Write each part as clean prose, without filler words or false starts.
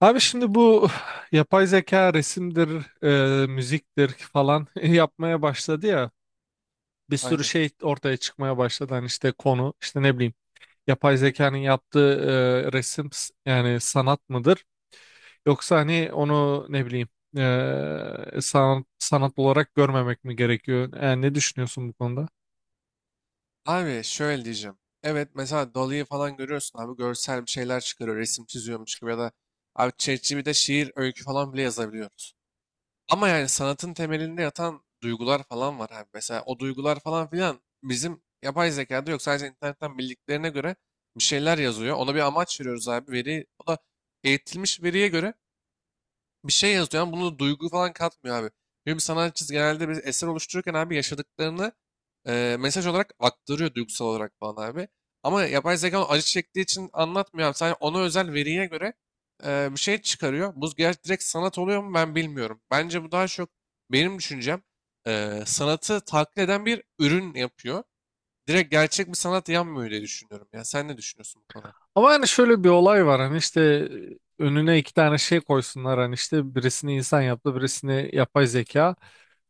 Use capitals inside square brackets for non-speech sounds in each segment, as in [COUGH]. Abi şimdi bu yapay zeka resimdir, müziktir falan [LAUGHS] yapmaya başladı ya. Bir sürü Aynen. şey ortaya çıkmaya başladı. Hani işte konu, işte ne bileyim yapay zekanın yaptığı resim yani sanat mıdır? Yoksa hani onu ne bileyim sanat olarak görmemek mi gerekiyor? Yani ne düşünüyorsun bu konuda? Abi şöyle diyeceğim. Evet mesela Dali'yi falan görüyorsun abi görsel bir şeyler çıkarıyor resim çiziyormuş gibi ya da abi ChatGPT'de şiir öykü falan bile yazabiliyoruz. Ama yani sanatın temelinde yatan duygular falan var abi. Mesela o duygular falan filan bizim yapay zekada yok. Sadece internetten bildiklerine göre bir şeyler yazıyor. Ona bir amaç veriyoruz abi. O da eğitilmiş veriye göre bir şey yazıyor ama bunu duygu falan katmıyor abi. Çünkü bir sanatçı genelde bir eser oluştururken abi yaşadıklarını mesaj olarak aktarıyor duygusal olarak falan abi. Ama yapay zeka onu acı çektiği için anlatmıyor abi. Sadece ona özel veriye göre bir şey çıkarıyor. Bu gerçi direkt sanat oluyor mu ben bilmiyorum. Bence bu daha çok benim düşüncem sanatı taklit eden bir ürün yapıyor. Direkt gerçek bir sanat yanmıyor diye düşünüyorum. Ya sen ne düşünüyorsun bu konu hakkında? Ama yani şöyle bir olay var hani işte önüne iki tane şey koysunlar hani işte birisini insan yaptı, birisini yapay zeka.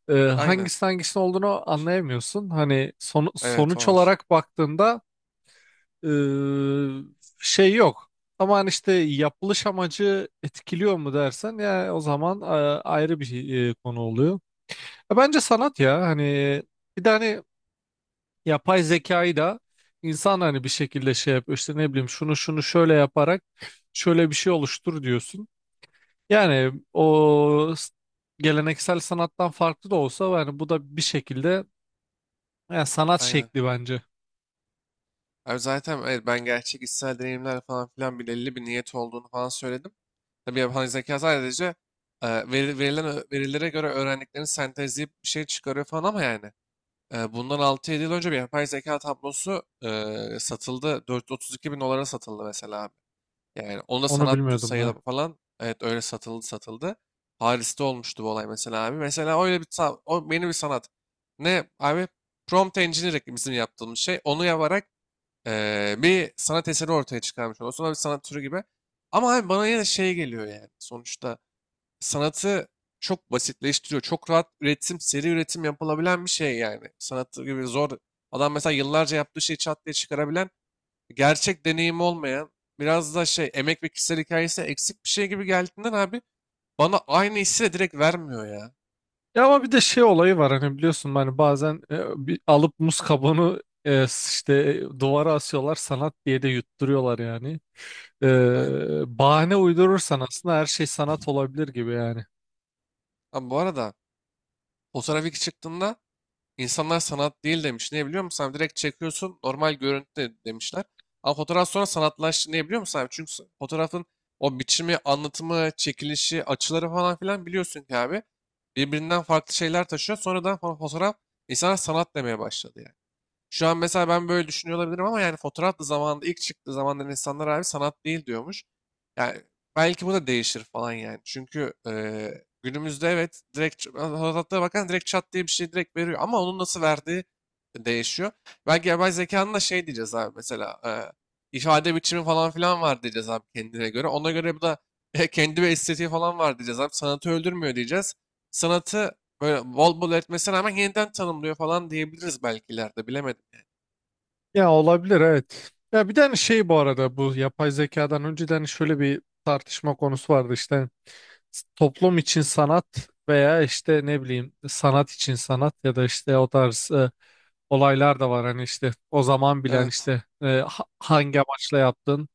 Aynen. Hangisi hangisinin olduğunu anlayamıyorsun. Hani Evet o sonuç var. olarak baktığında e, şey yok. Ama hani işte yapılış amacı etkiliyor mu dersen ya o zaman ayrı bir şey, konu oluyor. Ya bence sanat ya hani bir de hani yapay zekayı da insan hani bir şekilde şey yapıyor işte ne bileyim şunu şunu şöyle yaparak şöyle bir şey oluştur diyorsun. Yani o geleneksel sanattan farklı da olsa yani bu da bir şekilde, yani sanat Aynen. şekli bence. Abi zaten evet, ben gerçek içsel deneyimler falan filan belirli bir niyet olduğunu falan söyledim. Tabii yapay zeka sadece verilen verilere göre öğrendiklerini sentezleyip bir şey çıkarıyor falan ama yani Bundan altı yedi yıl önce bir yapay zeka tablosu satıldı. 432 bin dolara satıldı mesela abi. Yani onu da Onu sanat bilmiyordum ben. sayılı falan evet öyle satıldı satıldı. Paris'te olmuştu bu olay mesela abi. Mesela öyle bir o yeni bir sanat. Ne abi? Prompt engineering bizim yaptığımız şey. Onu yaparak bir sanat eseri ortaya çıkarmış oluyorsun. Sonra bir sanat türü gibi. Ama abi bana yine şey geliyor yani. Sonuçta sanatı çok basitleştiriyor. Çok rahat üretim, seri üretim yapılabilen bir şey yani. Sanatı gibi zor. Adam mesela yıllarca yaptığı şeyi çat diye çıkarabilen, gerçek deneyimi olmayan, biraz da şey emek ve kişisel hikayesi eksik bir şey gibi geldiğinden abi bana aynı hissi de direkt vermiyor ya. Ya ama bir de şey olayı var hani biliyorsun hani bazen bir alıp muz kabuğunu işte duvara asıyorlar sanat diye de yutturuyorlar yani. Aynen. Bahane uydurursan aslında her şey sanat olabilir gibi yani. Abi bu arada fotoğraf ilk çıktığında İnsanlar sanat değil demiş. Ne biliyor musun abi? Direkt çekiyorsun normal görüntü demişler. Ama fotoğraf sonra sanatlaştı. Ne biliyor musun abi? Çünkü fotoğrafın o biçimi, anlatımı, çekilişi, açıları falan filan biliyorsun ki abi. Birbirinden farklı şeyler taşıyor. Sonradan fotoğraf insanlar sanat demeye başladı yani. Şu an mesela ben böyle düşünüyor olabilirim ama yani fotoğraf da zamanında ilk çıktığı zamanlar insanlar abi sanat değil diyormuş. Yani belki bu da değişir falan yani. Çünkü günümüzde evet direkt fotoğraflara bakan direkt çat diye bir şey direkt veriyor ama onun nasıl verdiği değişiyor. Belki yapay zekanın da şey diyeceğiz abi mesela ifade biçimi falan filan var diyeceğiz abi kendine göre. Ona göre bu da [LAUGHS] kendi bir estetiği falan var diyeceğiz abi. Sanatı öldürmüyor diyeceğiz. Sanatı böyle bol bol etmesine rağmen yeniden tanımlıyor falan diyebiliriz belki ileride bilemedim. Ya olabilir evet. Ya bir tane şey bu arada bu yapay zekadan önceden hani şöyle bir tartışma konusu vardı işte toplum için sanat veya işte ne bileyim sanat için sanat ya da işte o tarz olaylar da var hani işte o zaman bilen Evet. işte hangi amaçla yaptın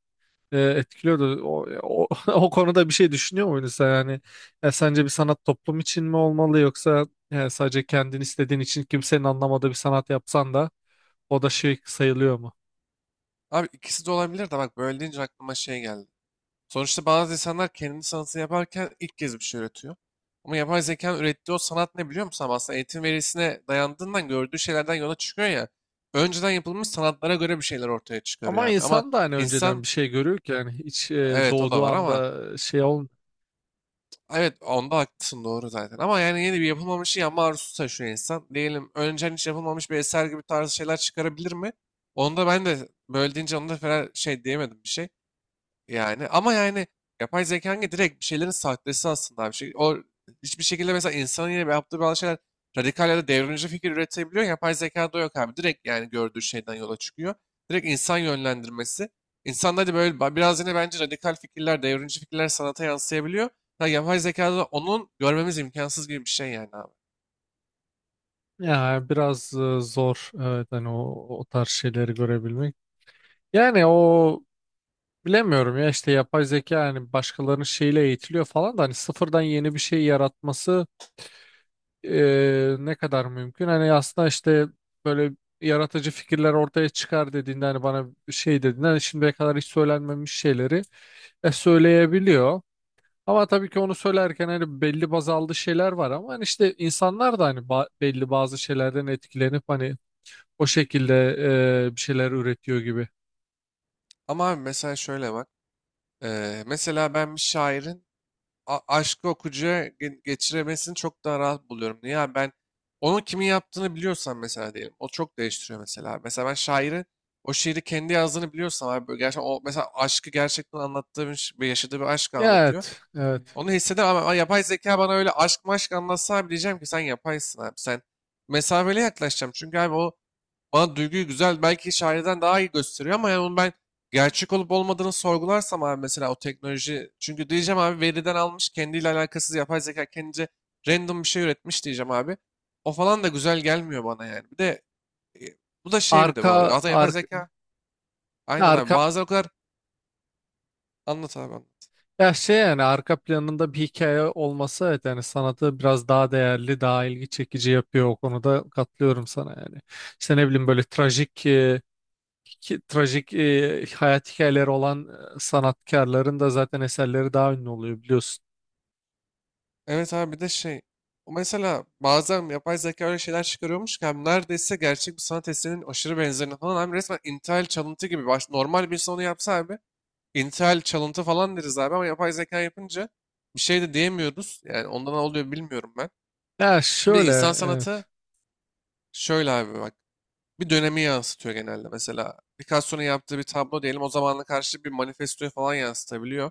etkiliyordu. [LAUGHS] O konuda bir şey düşünüyor muydun sen yani sence bir sanat toplum için mi olmalı yoksa sadece kendin istediğin için kimsenin anlamadığı bir sanat yapsan da o da şey sayılıyor mu? Abi ikisi de olabilir de bak böyle deyince aklıma şey geldi. Sonuçta bazı insanlar kendi sanatını yaparken ilk kez bir şey üretiyor. Ama yapay zekanın ürettiği o sanat ne biliyor musun? Abi aslında eğitim verisine dayandığından gördüğü şeylerden yola çıkıyor ya. Önceden yapılmış sanatlara göre bir şeyler ortaya çıkarıyor Ama abi. Ama insan da hani önceden insan bir şey görüyor ki yani hiç evet o da doğduğu var ama anda şey ol. evet onda haklısın doğru zaten. Ama yani yeni bir yapılmamışı yapma arzusu taşıyor insan. Diyelim önceden hiç yapılmamış bir eser gibi tarzı şeyler çıkarabilir mi? Onda ben de böyle deyince onda falan şey diyemedim bir şey. Yani ama yani yapay zeka hangi direkt bir şeylerin sahtesi aslında abi. Şey, o hiçbir şekilde mesela insanın yine yaptığı bazı şeyler radikal ya da devrimci fikir üretebiliyor. Yapay zekada yok abi. Direkt yani gördüğü şeyden yola çıkıyor. Direkt insan yönlendirmesi. İnsan hadi böyle biraz yine bence radikal fikirler, devrimci fikirler sanata yansıyabiliyor. Ya yapay zekada da onun görmemiz imkansız gibi bir şey yani abi. Ya biraz zor evet hani o tarz şeyleri görebilmek. Yani o. Bilemiyorum ya işte yapay zeka yani başkalarının şeyiyle eğitiliyor falan da hani sıfırdan yeni bir şey yaratması ne kadar mümkün? Hani aslında işte böyle yaratıcı fikirler ortaya çıkar dediğinde hani bana şey dediğinde hani şimdiye kadar hiç söylenmemiş şeyleri söyleyebiliyor. Ama tabii ki onu söylerken hani belli baz aldığı şeyler var ama hani işte insanlar da hani belli bazı şeylerden etkilenip hani o şekilde bir şeyler üretiyor gibi. Ama abi mesela şöyle bak. Mesela ben bir şairin aşkı okuyucuya geçiremesini çok daha rahat buluyorum. Niye abi ben onun kimin yaptığını biliyorsam mesela diyelim. O çok değiştiriyor mesela. Mesela ben şairi o şiiri kendi yazdığını biliyorsam abi böyle gerçekten o mesela aşkı gerçekten anlattığı bir yaşadığı bir aşk Ya, anlatıyor. evet, evet. Onu hissedemem ama yapay zeka bana öyle aşk maşk anlatsa abi diyeceğim ki sen yapaysın abi. Sen mesafeli yaklaşacağım. Çünkü abi o bana duyguyu güzel belki şairden daha iyi gösteriyor ama yani onu ben gerçek olup olmadığını sorgularsam abi mesela o teknoloji çünkü diyeceğim abi veriden almış kendiyle alakasız yapay zeka kendince random bir şey üretmiş diyeceğim abi. O falan da güzel gelmiyor bana yani. Bir de e, bu da şey bir de Arka, bu arada zaten yapay arka, zeka aynen abi arka bazen o kadar anlat abi anlat. Ya şey yani arka planında bir hikaye olması evet yani sanatı biraz daha değerli, daha ilgi çekici yapıyor o konuda katılıyorum sana yani. İşte ne bileyim böyle trajik hayat hikayeleri olan sanatkarların da zaten eserleri daha ünlü oluyor biliyorsun. Evet abi bir de şey o mesela bazen yapay zeka öyle şeyler çıkarıyormuş ki abi neredeyse gerçek bir sanat eserinin aşırı benzerini falan abi resmen intihal çalıntı gibi normal bir insan onu yapsa abi intihal çalıntı falan deriz abi ama yapay zeka yapınca bir şey de diyemiyoruz yani ondan ne oluyor bilmiyorum ben. Ya Bir de şöyle, insan sanatı evet. şöyle abi bak bir dönemi yansıtıyor genelde mesela Picasso'nun yaptığı bir tablo diyelim o zamanla karşı bir manifestoyu falan yansıtabiliyor.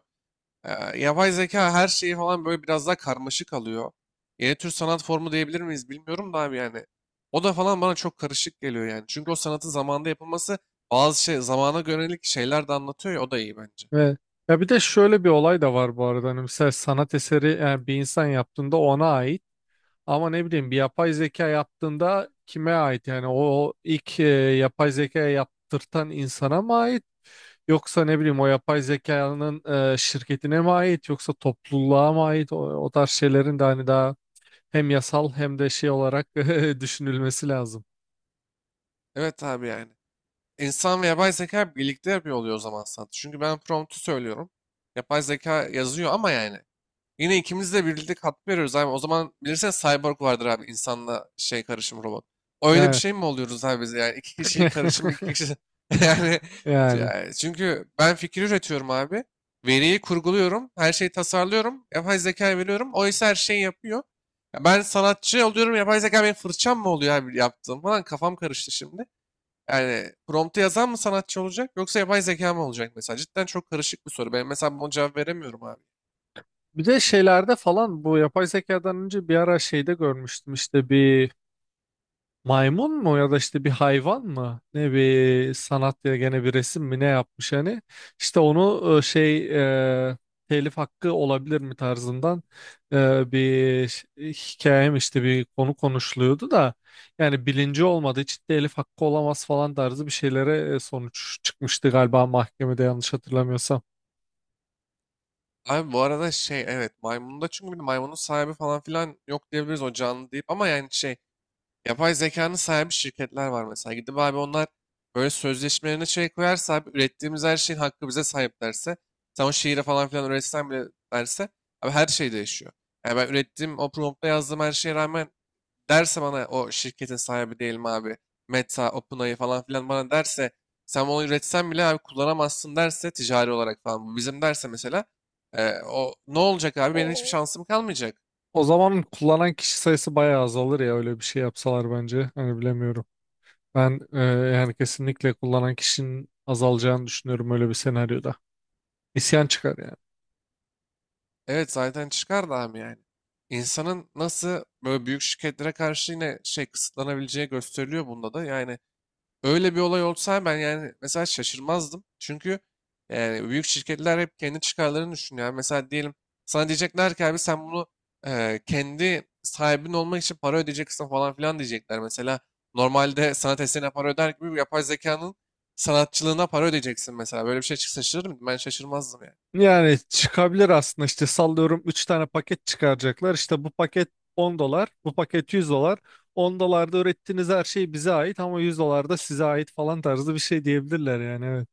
Ee, yapay zeka her şeyi falan böyle biraz daha karmaşık alıyor. Yeni tür sanat formu diyebilir miyiz bilmiyorum da abi yani. O da falan bana çok karışık geliyor yani. Çünkü o sanatın zamanda yapılması bazı şey zamana yönelik şeyler de anlatıyor ya o da iyi bence. ve Ya bir de şöyle bir olay da var bu arada hani mesela sanat eseri yani bir insan yaptığında ona ait. Ama ne bileyim bir yapay zeka yaptığında kime ait? Yani o ilk yapay zeka yaptırtan insana mı ait? Yoksa ne bileyim o yapay zekanın şirketine mi ait? Yoksa topluluğa mı ait? O tarz şeylerin de hani daha hem yasal hem de şey olarak [LAUGHS] düşünülmesi lazım. Evet abi yani. İnsan ve yapay zeka birlikte yapıyor oluyor o zaman sanat. Çünkü ben promptu söylüyorum. Yapay zeka yazıyor ama yani. Yine ikimiz de birlikte katkı veriyoruz abi. O zaman bilirsen cyborg vardır abi. İnsanla şey karışım robot. Öyle bir Yani. şey mi oluyoruz abi biz? Yani iki kişiyi karışım iki [LAUGHS] kişi. [LAUGHS] yani, Yani. yani, çünkü ben fikir üretiyorum abi. Veriyi kurguluyorum. Her şeyi tasarlıyorum. Yapay zekaya veriyorum. O ise her şeyi yapıyor. Ya ben sanatçı oluyorum. Yapay zeka benim fırçam mı oluyor abi yaptığım falan. Kafam karıştı şimdi. Yani promptu yazan mı sanatçı olacak yoksa yapay zeka mı olacak mesela? Cidden çok karışık bir soru. Ben mesela buna cevap veremiyorum abi. Bir de şeylerde falan bu yapay zekadan önce bir ara şeyde görmüştüm işte bir maymun mu ya da işte bir hayvan mı? Ne bir sanat ya gene bir resim mi ne yapmış hani? İşte onu şey e, telif hakkı olabilir mi tarzından bir hikayem işte bir konu konuşuluyordu da yani bilinci olmadığı için telif hakkı olamaz falan tarzı bir şeylere sonuç çıkmıştı galiba mahkemede yanlış hatırlamıyorsam. Abi bu arada şey evet maymunda çünkü bir de maymunun sahibi falan filan yok diyebiliriz o canlı deyip ama yani şey yapay zekanın sahibi şirketler var mesela gidip abi onlar böyle sözleşmelerine şey koyarsa abi ürettiğimiz her şeyin hakkı bize sahip derse sen o şiiri falan filan üretsen bile derse abi her şey değişiyor. Yani ben ürettiğim o prompta yazdığım her şeye rağmen derse bana o şirketin sahibi diyelim abi Meta, OpenAI falan filan bana derse sen onu üretsen bile abi kullanamazsın derse ticari olarak falan bu bizim derse mesela o ne olacak abi benim hiçbir O, şansım kalmayacak. o zaman kullanan kişi sayısı bayağı azalır ya öyle bir şey yapsalar bence. Hani bilemiyorum. Ben yani kesinlikle kullanan kişinin azalacağını düşünüyorum öyle bir senaryoda. İsyan çıkar yani. Evet zaten çıkar da abi yani. İnsanın nasıl böyle büyük şirketlere karşı yine şey kısıtlanabileceği gösteriliyor bunda da yani. Öyle bir olay olsa ben yani mesela şaşırmazdım. Çünkü yani büyük şirketler hep kendi çıkarlarını düşünüyor. Yani mesela diyelim sana diyecekler ki abi sen bunu kendi sahibin olmak için para ödeyeceksin falan filan diyecekler. Mesela normalde sanat eserine para öder gibi yapay zekanın sanatçılığına para ödeyeceksin mesela. Böyle bir şey çıksa şaşırır mıydım? Ben şaşırmazdım yani. Yani çıkabilir aslında işte sallıyorum 3 tane paket çıkaracaklar. İşte bu paket 10 dolar, bu paket 100 dolar. 10 dolarda ürettiğiniz her şey bize ait ama 100 dolar da size ait falan tarzı bir şey diyebilirler yani evet.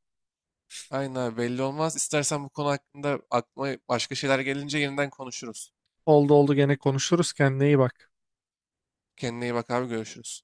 Aynen abi, belli olmaz. İstersen bu konu hakkında aklıma başka şeyler gelince yeniden konuşuruz. Oldu, oldu, gene konuşuruz, kendine iyi bak. Kendine iyi bak abi görüşürüz.